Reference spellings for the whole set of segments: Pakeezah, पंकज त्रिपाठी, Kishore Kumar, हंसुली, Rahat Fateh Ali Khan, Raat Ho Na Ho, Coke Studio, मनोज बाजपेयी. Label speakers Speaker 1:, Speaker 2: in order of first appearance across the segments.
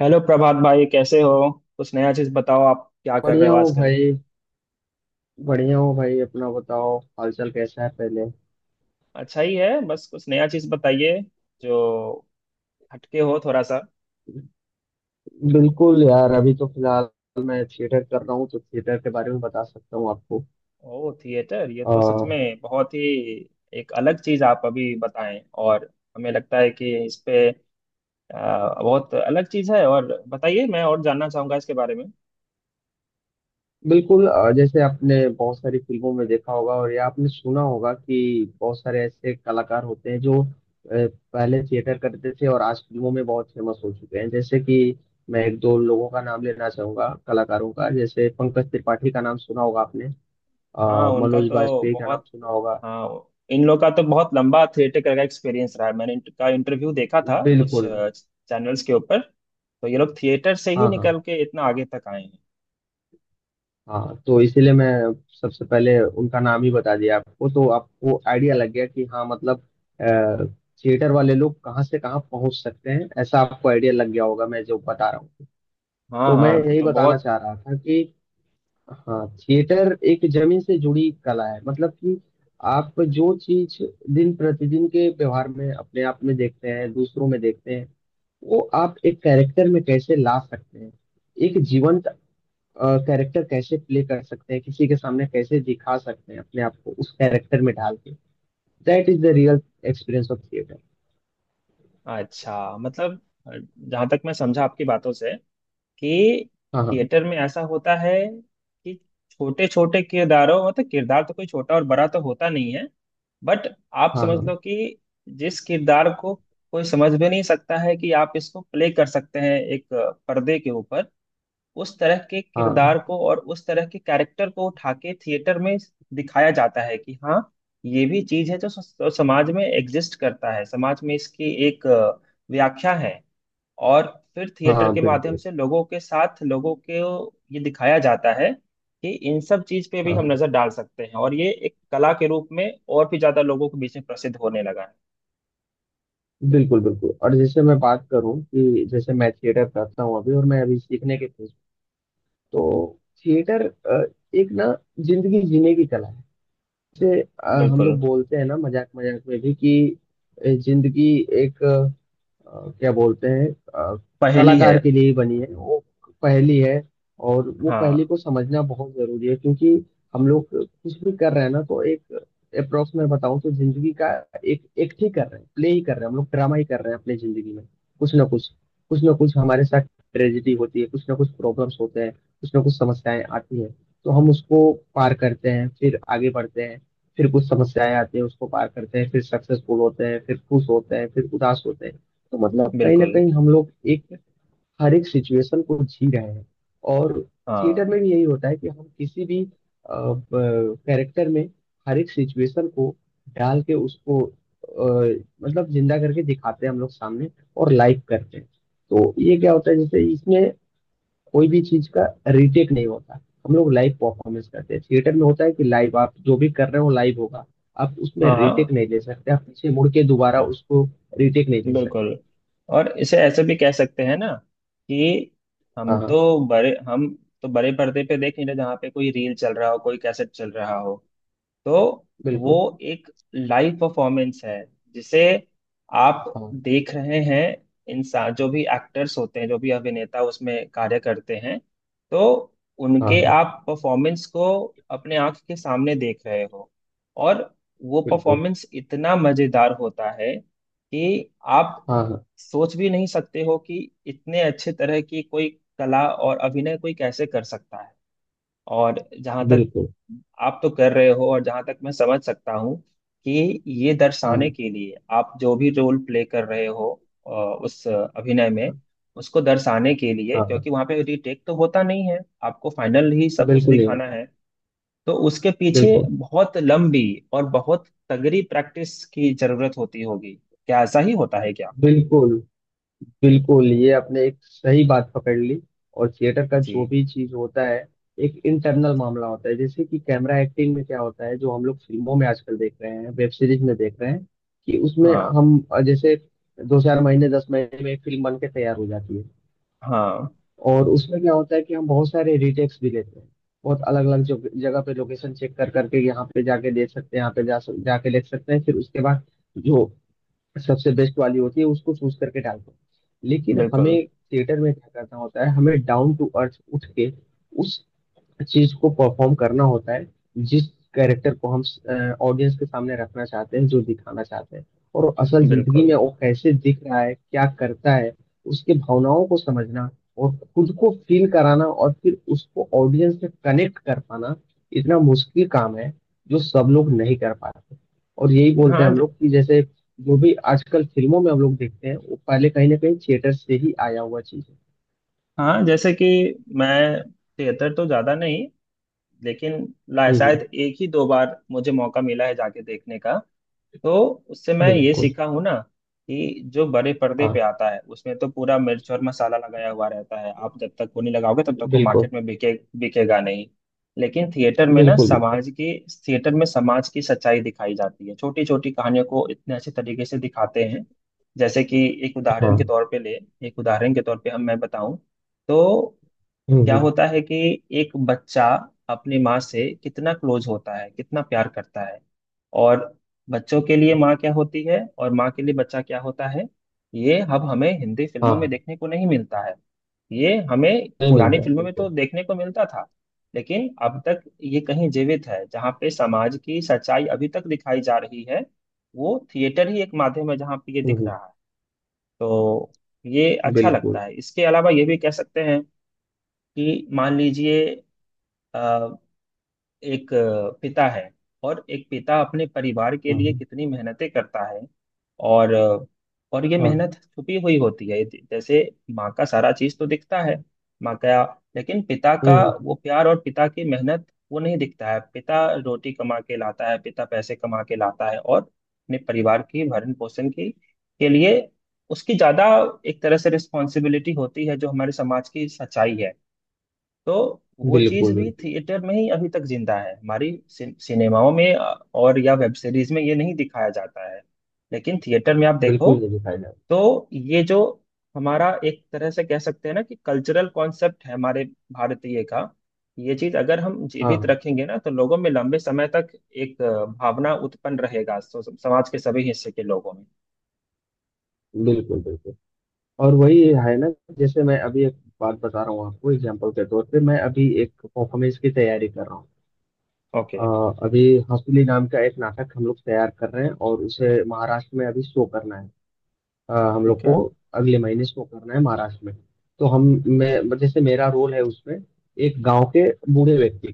Speaker 1: Hello Prabhat भाई, कैसे हो? कुछ नया चीज बताओ, आप क्या कर रहे
Speaker 2: बढ़िया
Speaker 1: हो
Speaker 2: हो
Speaker 1: आजकल?
Speaker 2: भाई। बढ़िया हो भाई, अपना बताओ हालचाल कैसा है पहले।
Speaker 1: अच्छा ही है। बस कुछ नया चीज बताइए जो हटके हो थोड़ा सा।
Speaker 2: बिल्कुल यार, अभी तो फिलहाल मैं थिएटर कर रहा हूँ तो थिएटर के बारे में बता सकता हूँ आपको।
Speaker 1: ओह थिएटर, ये तो सच
Speaker 2: अह,
Speaker 1: में बहुत ही एक अलग चीज। आप अभी बताएं और हमें लगता है कि इस पे बहुत अलग चीज है। और बताइए, मैं और जानना चाहूंगा इसके बारे में।
Speaker 2: बिल्कुल। जैसे आपने बहुत सारी फिल्मों में देखा होगा और या आपने सुना होगा कि बहुत सारे ऐसे कलाकार होते हैं जो पहले थिएटर करते थे और आज फिल्मों में बहुत फेमस हो चुके हैं। जैसे कि मैं एक दो लोगों का नाम लेना चाहूंगा कलाकारों का, जैसे पंकज त्रिपाठी का नाम सुना होगा आपने।
Speaker 1: हाँ, उनका
Speaker 2: मनोज
Speaker 1: तो
Speaker 2: बाजपेयी का नाम
Speaker 1: बहुत।
Speaker 2: सुना होगा।
Speaker 1: हाँ, इन लोग का तो बहुत लंबा थिएटर का एक्सपीरियंस रहा है। मैंने इनका इंटरव्यू देखा था कुछ
Speaker 2: बिल्कुल।
Speaker 1: चैनल्स के ऊपर। तो ये लोग थिएटर से ही
Speaker 2: हाँ हाँ।
Speaker 1: निकल के इतना आगे तक आए हैं।
Speaker 2: हाँ, तो इसीलिए मैं सबसे पहले उनका नाम ही बता दिया आपको तो आपको आइडिया लग गया कि हाँ, मतलब थिएटर वाले लोग कहाँ से कहाँ पहुंच सकते हैं, ऐसा आपको आइडिया लग गया होगा मैं जो बता रहा हूँ।
Speaker 1: हाँ
Speaker 2: तो मैं
Speaker 1: हाँ,
Speaker 2: यही
Speaker 1: तो
Speaker 2: बताना
Speaker 1: बहुत
Speaker 2: चाह रहा था कि हाँ, थिएटर एक जमीन से जुड़ी कला है। मतलब कि आप जो चीज दिन प्रतिदिन के व्यवहार में अपने आप में देखते हैं, दूसरों में देखते हैं, वो आप एक कैरेक्टर में कैसे ला सकते हैं, एक जीवंत कैरेक्टर कैसे प्ले कर सकते हैं, किसी के सामने कैसे दिखा सकते हैं अपने आप को उस कैरेक्टर में डाल के। That is the real experience of theatre.
Speaker 1: अच्छा। मतलब जहां तक मैं समझा आपकी बातों से कि
Speaker 2: हाँ हाँ
Speaker 1: थिएटर में ऐसा होता है कि छोटे छोटे किरदारों, मतलब किरदार तो कोई छोटा और बड़ा तो होता नहीं है, बट आप समझ
Speaker 2: हाँ
Speaker 1: लो कि जिस किरदार को कोई समझ भी नहीं सकता है कि आप इसको प्ले कर सकते हैं एक पर्दे के ऊपर, उस तरह के
Speaker 2: हाँ
Speaker 1: किरदार को और उस तरह के कैरेक्टर को उठा के थिएटर में दिखाया जाता है कि हाँ, ये भी चीज है जो समाज में एग्जिस्ट करता है। समाज में इसकी एक व्याख्या है और फिर
Speaker 2: हाँ
Speaker 1: थिएटर
Speaker 2: हाँ।
Speaker 1: के माध्यम
Speaker 2: बिल्कुल।
Speaker 1: से लोगों के साथ, लोगों को ये दिखाया जाता है कि इन सब चीज पे
Speaker 2: हाँ
Speaker 1: भी हम
Speaker 2: हाँ।
Speaker 1: नजर डाल सकते हैं। और ये एक कला के रूप में और भी ज्यादा लोगों के बीच में प्रसिद्ध होने लगा है।
Speaker 2: बिल्कुल बिल्कुल। और जैसे मैं बात करूं, कि जैसे मैं थिएटर करता हूँ अभी और मैं अभी सीखने के फेज। तो थिएटर एक ना जिंदगी जीने की कला है। जैसे हम
Speaker 1: बिल्कुल।
Speaker 2: लोग बोलते हैं ना मजाक मजाक में भी कि जिंदगी एक, क्या बोलते हैं, अ,
Speaker 1: पहेली है।
Speaker 2: कलाकार के लिए ही बनी है। वो पहेली है। और वो पहेली
Speaker 1: हाँ।
Speaker 2: को समझना बहुत जरूरी है, क्योंकि हम लोग कुछ भी कर रहे हैं ना तो एक अप्रोक्स में बताऊं तो जिंदगी का एक एक्ट ही कर रहे हैं, प्ले ही कर रहे हैं, हम लोग ड्रामा ही कर रहे हैं अपनी जिंदगी में। कुछ ना कुछ कुछ ना कुछ हमारे साथ ट्रेजिडी होती है, कुछ ना कुछ प्रॉब्लम्स होते हैं, कुछ ना कुछ समस्याएं आती हैं। तो हम उसको पार करते हैं फिर आगे बढ़ते हैं। फिर कुछ समस्याएं आती हैं, उसको पार करते हैं, फिर सक्सेसफुल होते हैं, फिर खुश होते हैं, फिर उदास होते हैं। तो मतलब कहीं ना
Speaker 1: बिल्कुल।
Speaker 2: कहीं हम लोग एक हर एक सिचुएशन को जी रहे हैं। और थिएटर
Speaker 1: हाँ
Speaker 2: में भी यही होता है कि हम किसी भी कैरेक्टर में हर एक सिचुएशन को डाल के उसको मतलब जिंदा करके दिखाते हैं हम लोग सामने, और लाइव करते हैं। तो ये क्या होता है, जैसे इसमें कोई भी चीज का रिटेक नहीं होता। हम लोग लाइव परफॉर्मेंस करते हैं, थिएटर में होता है कि लाइव, आप जो भी कर रहे हो लाइव होगा। आप उसमें
Speaker 1: हाँ।
Speaker 2: रिटेक
Speaker 1: हाँ।
Speaker 2: नहीं ले सकते, आप पीछे मुड़ के दोबारा उसको रिटेक नहीं ले सकते।
Speaker 1: बिल्कुल। और इसे ऐसे भी कह सकते हैं ना कि
Speaker 2: हाँ
Speaker 1: हम
Speaker 2: हाँ।
Speaker 1: तो बड़े हम तो बड़े पर्दे पे देख नहीं रहे जहाँ पे कोई रील चल रहा हो, कोई कैसेट चल रहा हो। तो
Speaker 2: बिल्कुल।
Speaker 1: वो एक लाइव परफॉर्मेंस है जिसे आप
Speaker 2: हाँ
Speaker 1: देख रहे हैं। इंसान जो भी एक्टर्स होते हैं, जो भी अभिनेता उसमें कार्य करते हैं, तो
Speaker 2: हाँ
Speaker 1: उनके
Speaker 2: हाँ।
Speaker 1: आप परफॉर्मेंस को अपने आंख के सामने देख रहे हो। और वो
Speaker 2: बिल्कुल।
Speaker 1: परफॉर्मेंस इतना मजेदार होता है कि आप
Speaker 2: हाँ हाँ।
Speaker 1: सोच भी नहीं सकते हो कि इतने अच्छे तरह की कोई कला और अभिनय कोई कैसे कर सकता है। और जहां तक
Speaker 2: बिल्कुल।
Speaker 1: आप तो कर रहे हो, और जहां तक मैं समझ सकता हूँ कि ये दर्शाने
Speaker 2: हाँ
Speaker 1: के लिए आप जो भी रोल प्ले कर रहे हो, उस अभिनय में
Speaker 2: हाँ
Speaker 1: उसको दर्शाने के लिए,
Speaker 2: हाँ हाँ,
Speaker 1: क्योंकि वहां पे रीटेक तो होता नहीं है, आपको फाइनल ही सब कुछ
Speaker 2: बिल्कुल नहीं
Speaker 1: दिखाना
Speaker 2: होता।
Speaker 1: है। तो उसके पीछे
Speaker 2: बिल्कुल
Speaker 1: बहुत लंबी और बहुत तगड़ी प्रैक्टिस की जरूरत होती होगी। क्या ऐसा ही होता है क्या?
Speaker 2: बिल्कुल। बिल्कुल, ये आपने एक सही बात पकड़ ली। और थिएटर का
Speaker 1: जी।
Speaker 2: जो भी चीज होता है एक इंटरनल मामला होता है। जैसे कि कैमरा एक्टिंग में क्या होता है, जो हम लोग फिल्मों में आजकल देख रहे हैं, वेब सीरीज में देख रहे हैं, कि उसमें
Speaker 1: हाँ
Speaker 2: हम जैसे दो चार महीने 10 महीने में एक फिल्म बन के तैयार हो जाती है।
Speaker 1: हाँ।
Speaker 2: और उसमें क्या होता है कि हम बहुत सारे रिटेक्स भी लेते हैं, बहुत अलग अलग जगह पे लोकेशन चेक कर करके, यहाँ पे जाके देख सकते हैं, यहाँ पे जाके देख सकते हैं, फिर उसके बाद जो सबसे बेस्ट वाली होती है उसको चूज करके डालते हैं। लेकिन हमें
Speaker 1: बिल्कुल
Speaker 2: थिएटर में क्या करना होता है, हमें डाउन टू अर्थ उठ के उस चीज को परफॉर्म करना होता है, जिस कैरेक्टर को हम ऑडियंस के सामने रखना चाहते हैं, जो दिखाना चाहते हैं। और असल जिंदगी में
Speaker 1: बिल्कुल।
Speaker 2: वो कैसे दिख रहा है, क्या करता है, उसके भावनाओं को समझना और खुद को फील कराना और फिर उसको ऑडियंस से कनेक्ट कर पाना इतना मुश्किल काम है जो सब लोग नहीं कर पाते। और यही बोलते हैं
Speaker 1: हाँ।
Speaker 2: हम लोग कि जैसे जो भी आजकल फिल्मों में हम लोग देखते हैं वो पहले कहीं ना कहीं थिएटर से ही आया हुआ चीज है।
Speaker 1: हाँ जैसे कि मैं थिएटर तो ज्यादा नहीं, लेकिन शायद
Speaker 2: हम्म।
Speaker 1: एक ही दो बार मुझे मौका मिला है जाके देखने का। तो उससे मैं ये
Speaker 2: बिल्कुल।
Speaker 1: सीखा हूँ ना कि जो बड़े पर्दे पे
Speaker 2: हाँ।
Speaker 1: आता है उसमें तो पूरा मिर्च और मसाला लगाया हुआ रहता है। आप जब तक वो नहीं लगाओगे तब तक वो
Speaker 2: बिल्कुल
Speaker 1: मार्केट में बिकेगा नहीं। लेकिन
Speaker 2: बिल्कुल। बिल्कुल।
Speaker 1: थिएटर में समाज की सच्चाई दिखाई जाती है, छोटी छोटी कहानियों को इतने अच्छे तरीके से दिखाते हैं। जैसे कि एक उदाहरण के
Speaker 2: हाँ।
Speaker 1: तौर पे ले, एक उदाहरण के तौर पे हम मैं बताऊं तो क्या
Speaker 2: हम्म।
Speaker 1: होता है कि एक बच्चा अपनी माँ से कितना क्लोज होता है, कितना प्यार करता है। और बच्चों के लिए माँ क्या होती है और माँ के लिए बच्चा क्या होता है, ये अब हमें हिंदी
Speaker 2: हाँ
Speaker 1: फिल्मों में
Speaker 2: हाँ,
Speaker 1: देखने को नहीं मिलता है। ये हमें
Speaker 2: नहीं
Speaker 1: पुरानी
Speaker 2: मिलता है
Speaker 1: फिल्मों में तो
Speaker 2: बिल्कुल।
Speaker 1: देखने को मिलता था। लेकिन अब तक ये कहीं जीवित है जहाँ पे समाज की सच्चाई अभी तक दिखाई जा रही है, वो थिएटर ही एक माध्यम है जहाँ पे ये दिख
Speaker 2: हम्म।
Speaker 1: रहा है। तो ये अच्छा
Speaker 2: बिल्कुल।
Speaker 1: लगता है। इसके अलावा ये भी कह सकते हैं कि मान लीजिए अ, एक पिता है और एक पिता अपने परिवार के
Speaker 2: हाँ
Speaker 1: लिए
Speaker 2: हाँ।
Speaker 1: कितनी मेहनतें करता है। और और ये
Speaker 2: हाँ,
Speaker 1: मेहनत छुपी हुई होती है। जैसे माँ का सारा चीज तो दिखता है, माँ का। लेकिन पिता का
Speaker 2: हम्म।
Speaker 1: वो प्यार और पिता की मेहनत, वो नहीं दिखता है। पिता रोटी कमा के लाता है, पिता पैसे कमा के लाता है, और अपने परिवार की भरण पोषण की के लिए उसकी ज्यादा एक तरह से रिस्पॉन्सिबिलिटी होती है, जो हमारे समाज की सच्चाई है। तो वो चीज
Speaker 2: बिल्कुल
Speaker 1: भी
Speaker 2: बिल्कुल।
Speaker 1: थिएटर में ही अभी तक जिंदा है। हमारी सिनेमाओं में और या वेब सीरीज में ये नहीं दिखाया जाता है, लेकिन थिएटर में आप देखो।
Speaker 2: बिल्कुल नहीं दिखाई डाल।
Speaker 1: तो ये जो हमारा एक तरह से कह सकते हैं ना कि कल्चरल कॉन्सेप्ट है हमारे भारतीय का, ये चीज अगर हम
Speaker 2: हाँ
Speaker 1: जीवित
Speaker 2: हाँ।
Speaker 1: रखेंगे ना तो लोगों में लंबे समय तक एक भावना उत्पन्न रहेगा समाज के सभी हिस्से के लोगों में।
Speaker 2: बिल्कुल बिल्कुल। और वही है ना, जैसे मैं अभी एक बात बता रहा हूँ आपको एग्जाम्पल के तौर पे, मैं अभी एक परफॉर्मेंस की तैयारी कर रहा हूँ।
Speaker 1: ओके।
Speaker 2: अभी हंसुली नाम का एक नाटक हम लोग तैयार कर रहे हैं और उसे महाराष्ट्र में अभी शो करना है। हम लोग
Speaker 1: ठीक
Speaker 2: को
Speaker 1: है।
Speaker 2: अगले महीने शो करना है महाराष्ट्र में। तो हम, मैं जैसे मेरा रोल है उसमें एक गांव के बूढ़े व्यक्ति।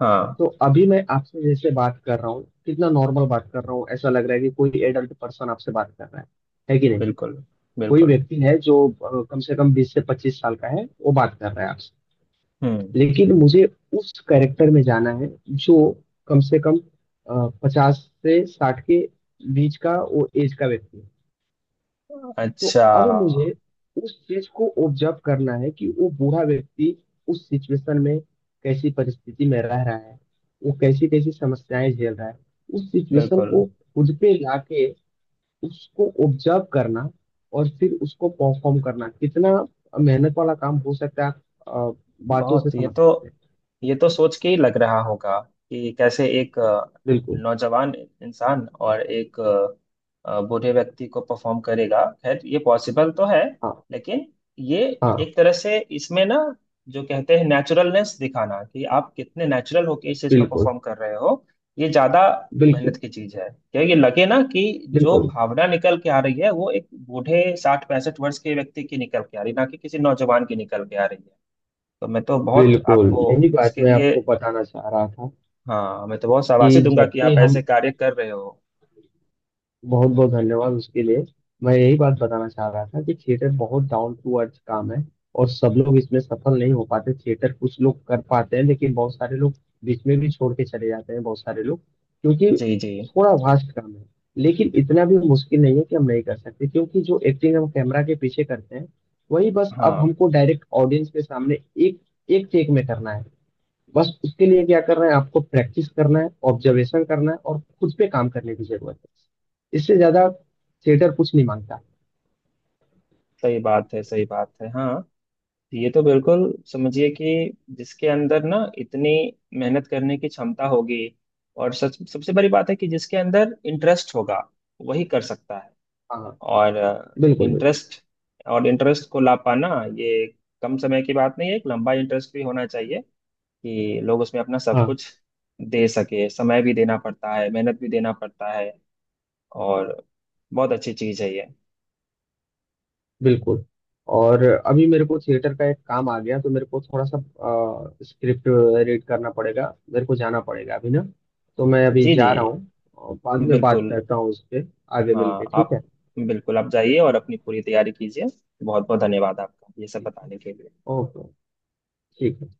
Speaker 1: हाँ।
Speaker 2: तो अभी मैं आपसे जैसे बात कर रहा हूँ, कितना नॉर्मल बात कर रहा हूँ, ऐसा लग रहा है कि कोई एडल्ट पर्सन आपसे बात कर रहा है कि नहीं?
Speaker 1: बिल्कुल
Speaker 2: कोई
Speaker 1: बिल्कुल।
Speaker 2: व्यक्ति है जो कम से कम 20 से 25 साल का है, वो बात कर रहा है आपसे।
Speaker 1: हम्म।
Speaker 2: लेकिन मुझे उस कैरेक्टर में जाना है जो कम से कम 50 से 60 के बीच का वो एज का व्यक्ति है। तो
Speaker 1: अच्छा।
Speaker 2: अब मुझे उस चीज को ऑब्जर्व करना है कि वो बूढ़ा व्यक्ति उस सिचुएशन में कैसी परिस्थिति में रह रहा है, वो कैसी कैसी समस्याएं झेल रहा है, उस सिचुएशन
Speaker 1: बिल्कुल।
Speaker 2: को खुद पे लाके उसको ऑब्जर्व करना और फिर उसको परफॉर्म करना कितना मेहनत वाला काम हो सकता है, आप बातों से
Speaker 1: बहुत। ये
Speaker 2: समझ
Speaker 1: तो,
Speaker 2: सकते हैं।
Speaker 1: ये तो सोच के ही लग रहा होगा कि कैसे एक
Speaker 2: बिल्कुल।
Speaker 1: नौजवान इंसान और एक बूढ़े व्यक्ति को परफॉर्म करेगा। खैर, ये पॉसिबल तो है,
Speaker 2: हाँ
Speaker 1: लेकिन ये
Speaker 2: हाँ।
Speaker 1: एक तरह से इसमें ना जो कहते हैं नेचुरलनेस दिखाना कि आप कितने नेचुरल होके इस चीज को
Speaker 2: बिल्कुल
Speaker 1: परफॉर्म कर रहे हो, ये ज्यादा मेहनत
Speaker 2: बिल्कुल।
Speaker 1: की चीज है। क्योंकि लगे ना कि जो
Speaker 2: बिल्कुल,
Speaker 1: भावना निकल के आ रही है वो एक बूढ़े साठ पैंसठ वर्ष के व्यक्ति की निकल के आ रही है, ना कि किसी नौजवान की निकल के आ रही है। तो मैं तो बहुत
Speaker 2: बिल्कुल
Speaker 1: आपको
Speaker 2: यही बात
Speaker 1: इसके
Speaker 2: मैं
Speaker 1: लिए,
Speaker 2: आपको बताना चाह रहा था
Speaker 1: हाँ मैं तो बहुत शाबाशी
Speaker 2: कि
Speaker 1: दूंगा
Speaker 2: जब
Speaker 1: कि
Speaker 2: भी
Speaker 1: आप
Speaker 2: हम,
Speaker 1: ऐसे कार्य कर रहे हो।
Speaker 2: बहुत बहुत धन्यवाद उसके लिए। मैं यही बात बताना चाह रहा था कि थिएटर बहुत डाउन टू अर्थ काम है। और सब लोग इसमें सफल नहीं हो पाते, थिएटर कुछ लोग कर पाते हैं लेकिन बहुत सारे लोग बीच में भी छोड़ के चले जाते हैं। बहुत सारे लोग, क्योंकि
Speaker 1: जी जी।
Speaker 2: थोड़ा वास्ट काम है, लेकिन इतना भी मुश्किल नहीं है कि हम नहीं कर सकते, क्योंकि जो एक्टिंग हम कैमरा के पीछे करते हैं वही बस अब
Speaker 1: हाँ।
Speaker 2: हमको डायरेक्ट ऑडियंस के सामने एक एक टेक में करना है। बस उसके लिए क्या करना है, आपको प्रैक्टिस करना है, ऑब्जर्वेशन करना है और खुद पे काम करने की जरूरत है। इससे ज्यादा थिएटर कुछ नहीं मांगता।
Speaker 1: सही बात है, सही बात है। हाँ, ये तो बिल्कुल समझिए कि जिसके अंदर ना इतनी मेहनत करने की क्षमता होगी, और सच सबसे बड़ी बात है कि जिसके अंदर इंटरेस्ट होगा, वही कर सकता है।
Speaker 2: हाँ।
Speaker 1: और
Speaker 2: बिल्कुल बिल्कुल।
Speaker 1: इंटरेस्ट, और इंटरेस्ट को ला पाना, ये कम समय की बात नहीं है। एक लंबा इंटरेस्ट भी होना चाहिए कि लोग उसमें अपना सब
Speaker 2: हाँ।
Speaker 1: कुछ दे सके। समय भी देना पड़ता है, मेहनत भी देना पड़ता है। और बहुत अच्छी चीज़ है ये।
Speaker 2: बिल्कुल। और अभी मेरे को थिएटर का एक काम आ गया, तो मेरे को थोड़ा सा स्क्रिप्ट रीड करना पड़ेगा, मेरे को जाना पड़ेगा अभी ना। तो मैं अभी
Speaker 1: जी जी।
Speaker 2: जा रहा हूँ, और बाद में बात
Speaker 1: बिल्कुल।
Speaker 2: करता हूँ उस पे। आगे मिलके,
Speaker 1: हाँ,
Speaker 2: ठीक
Speaker 1: आप
Speaker 2: है।
Speaker 1: बिल्कुल आप जाइए और अपनी पूरी तैयारी कीजिए। बहुत बहुत धन्यवाद आपका ये सब बताने के लिए।
Speaker 2: ओके। ठीक है।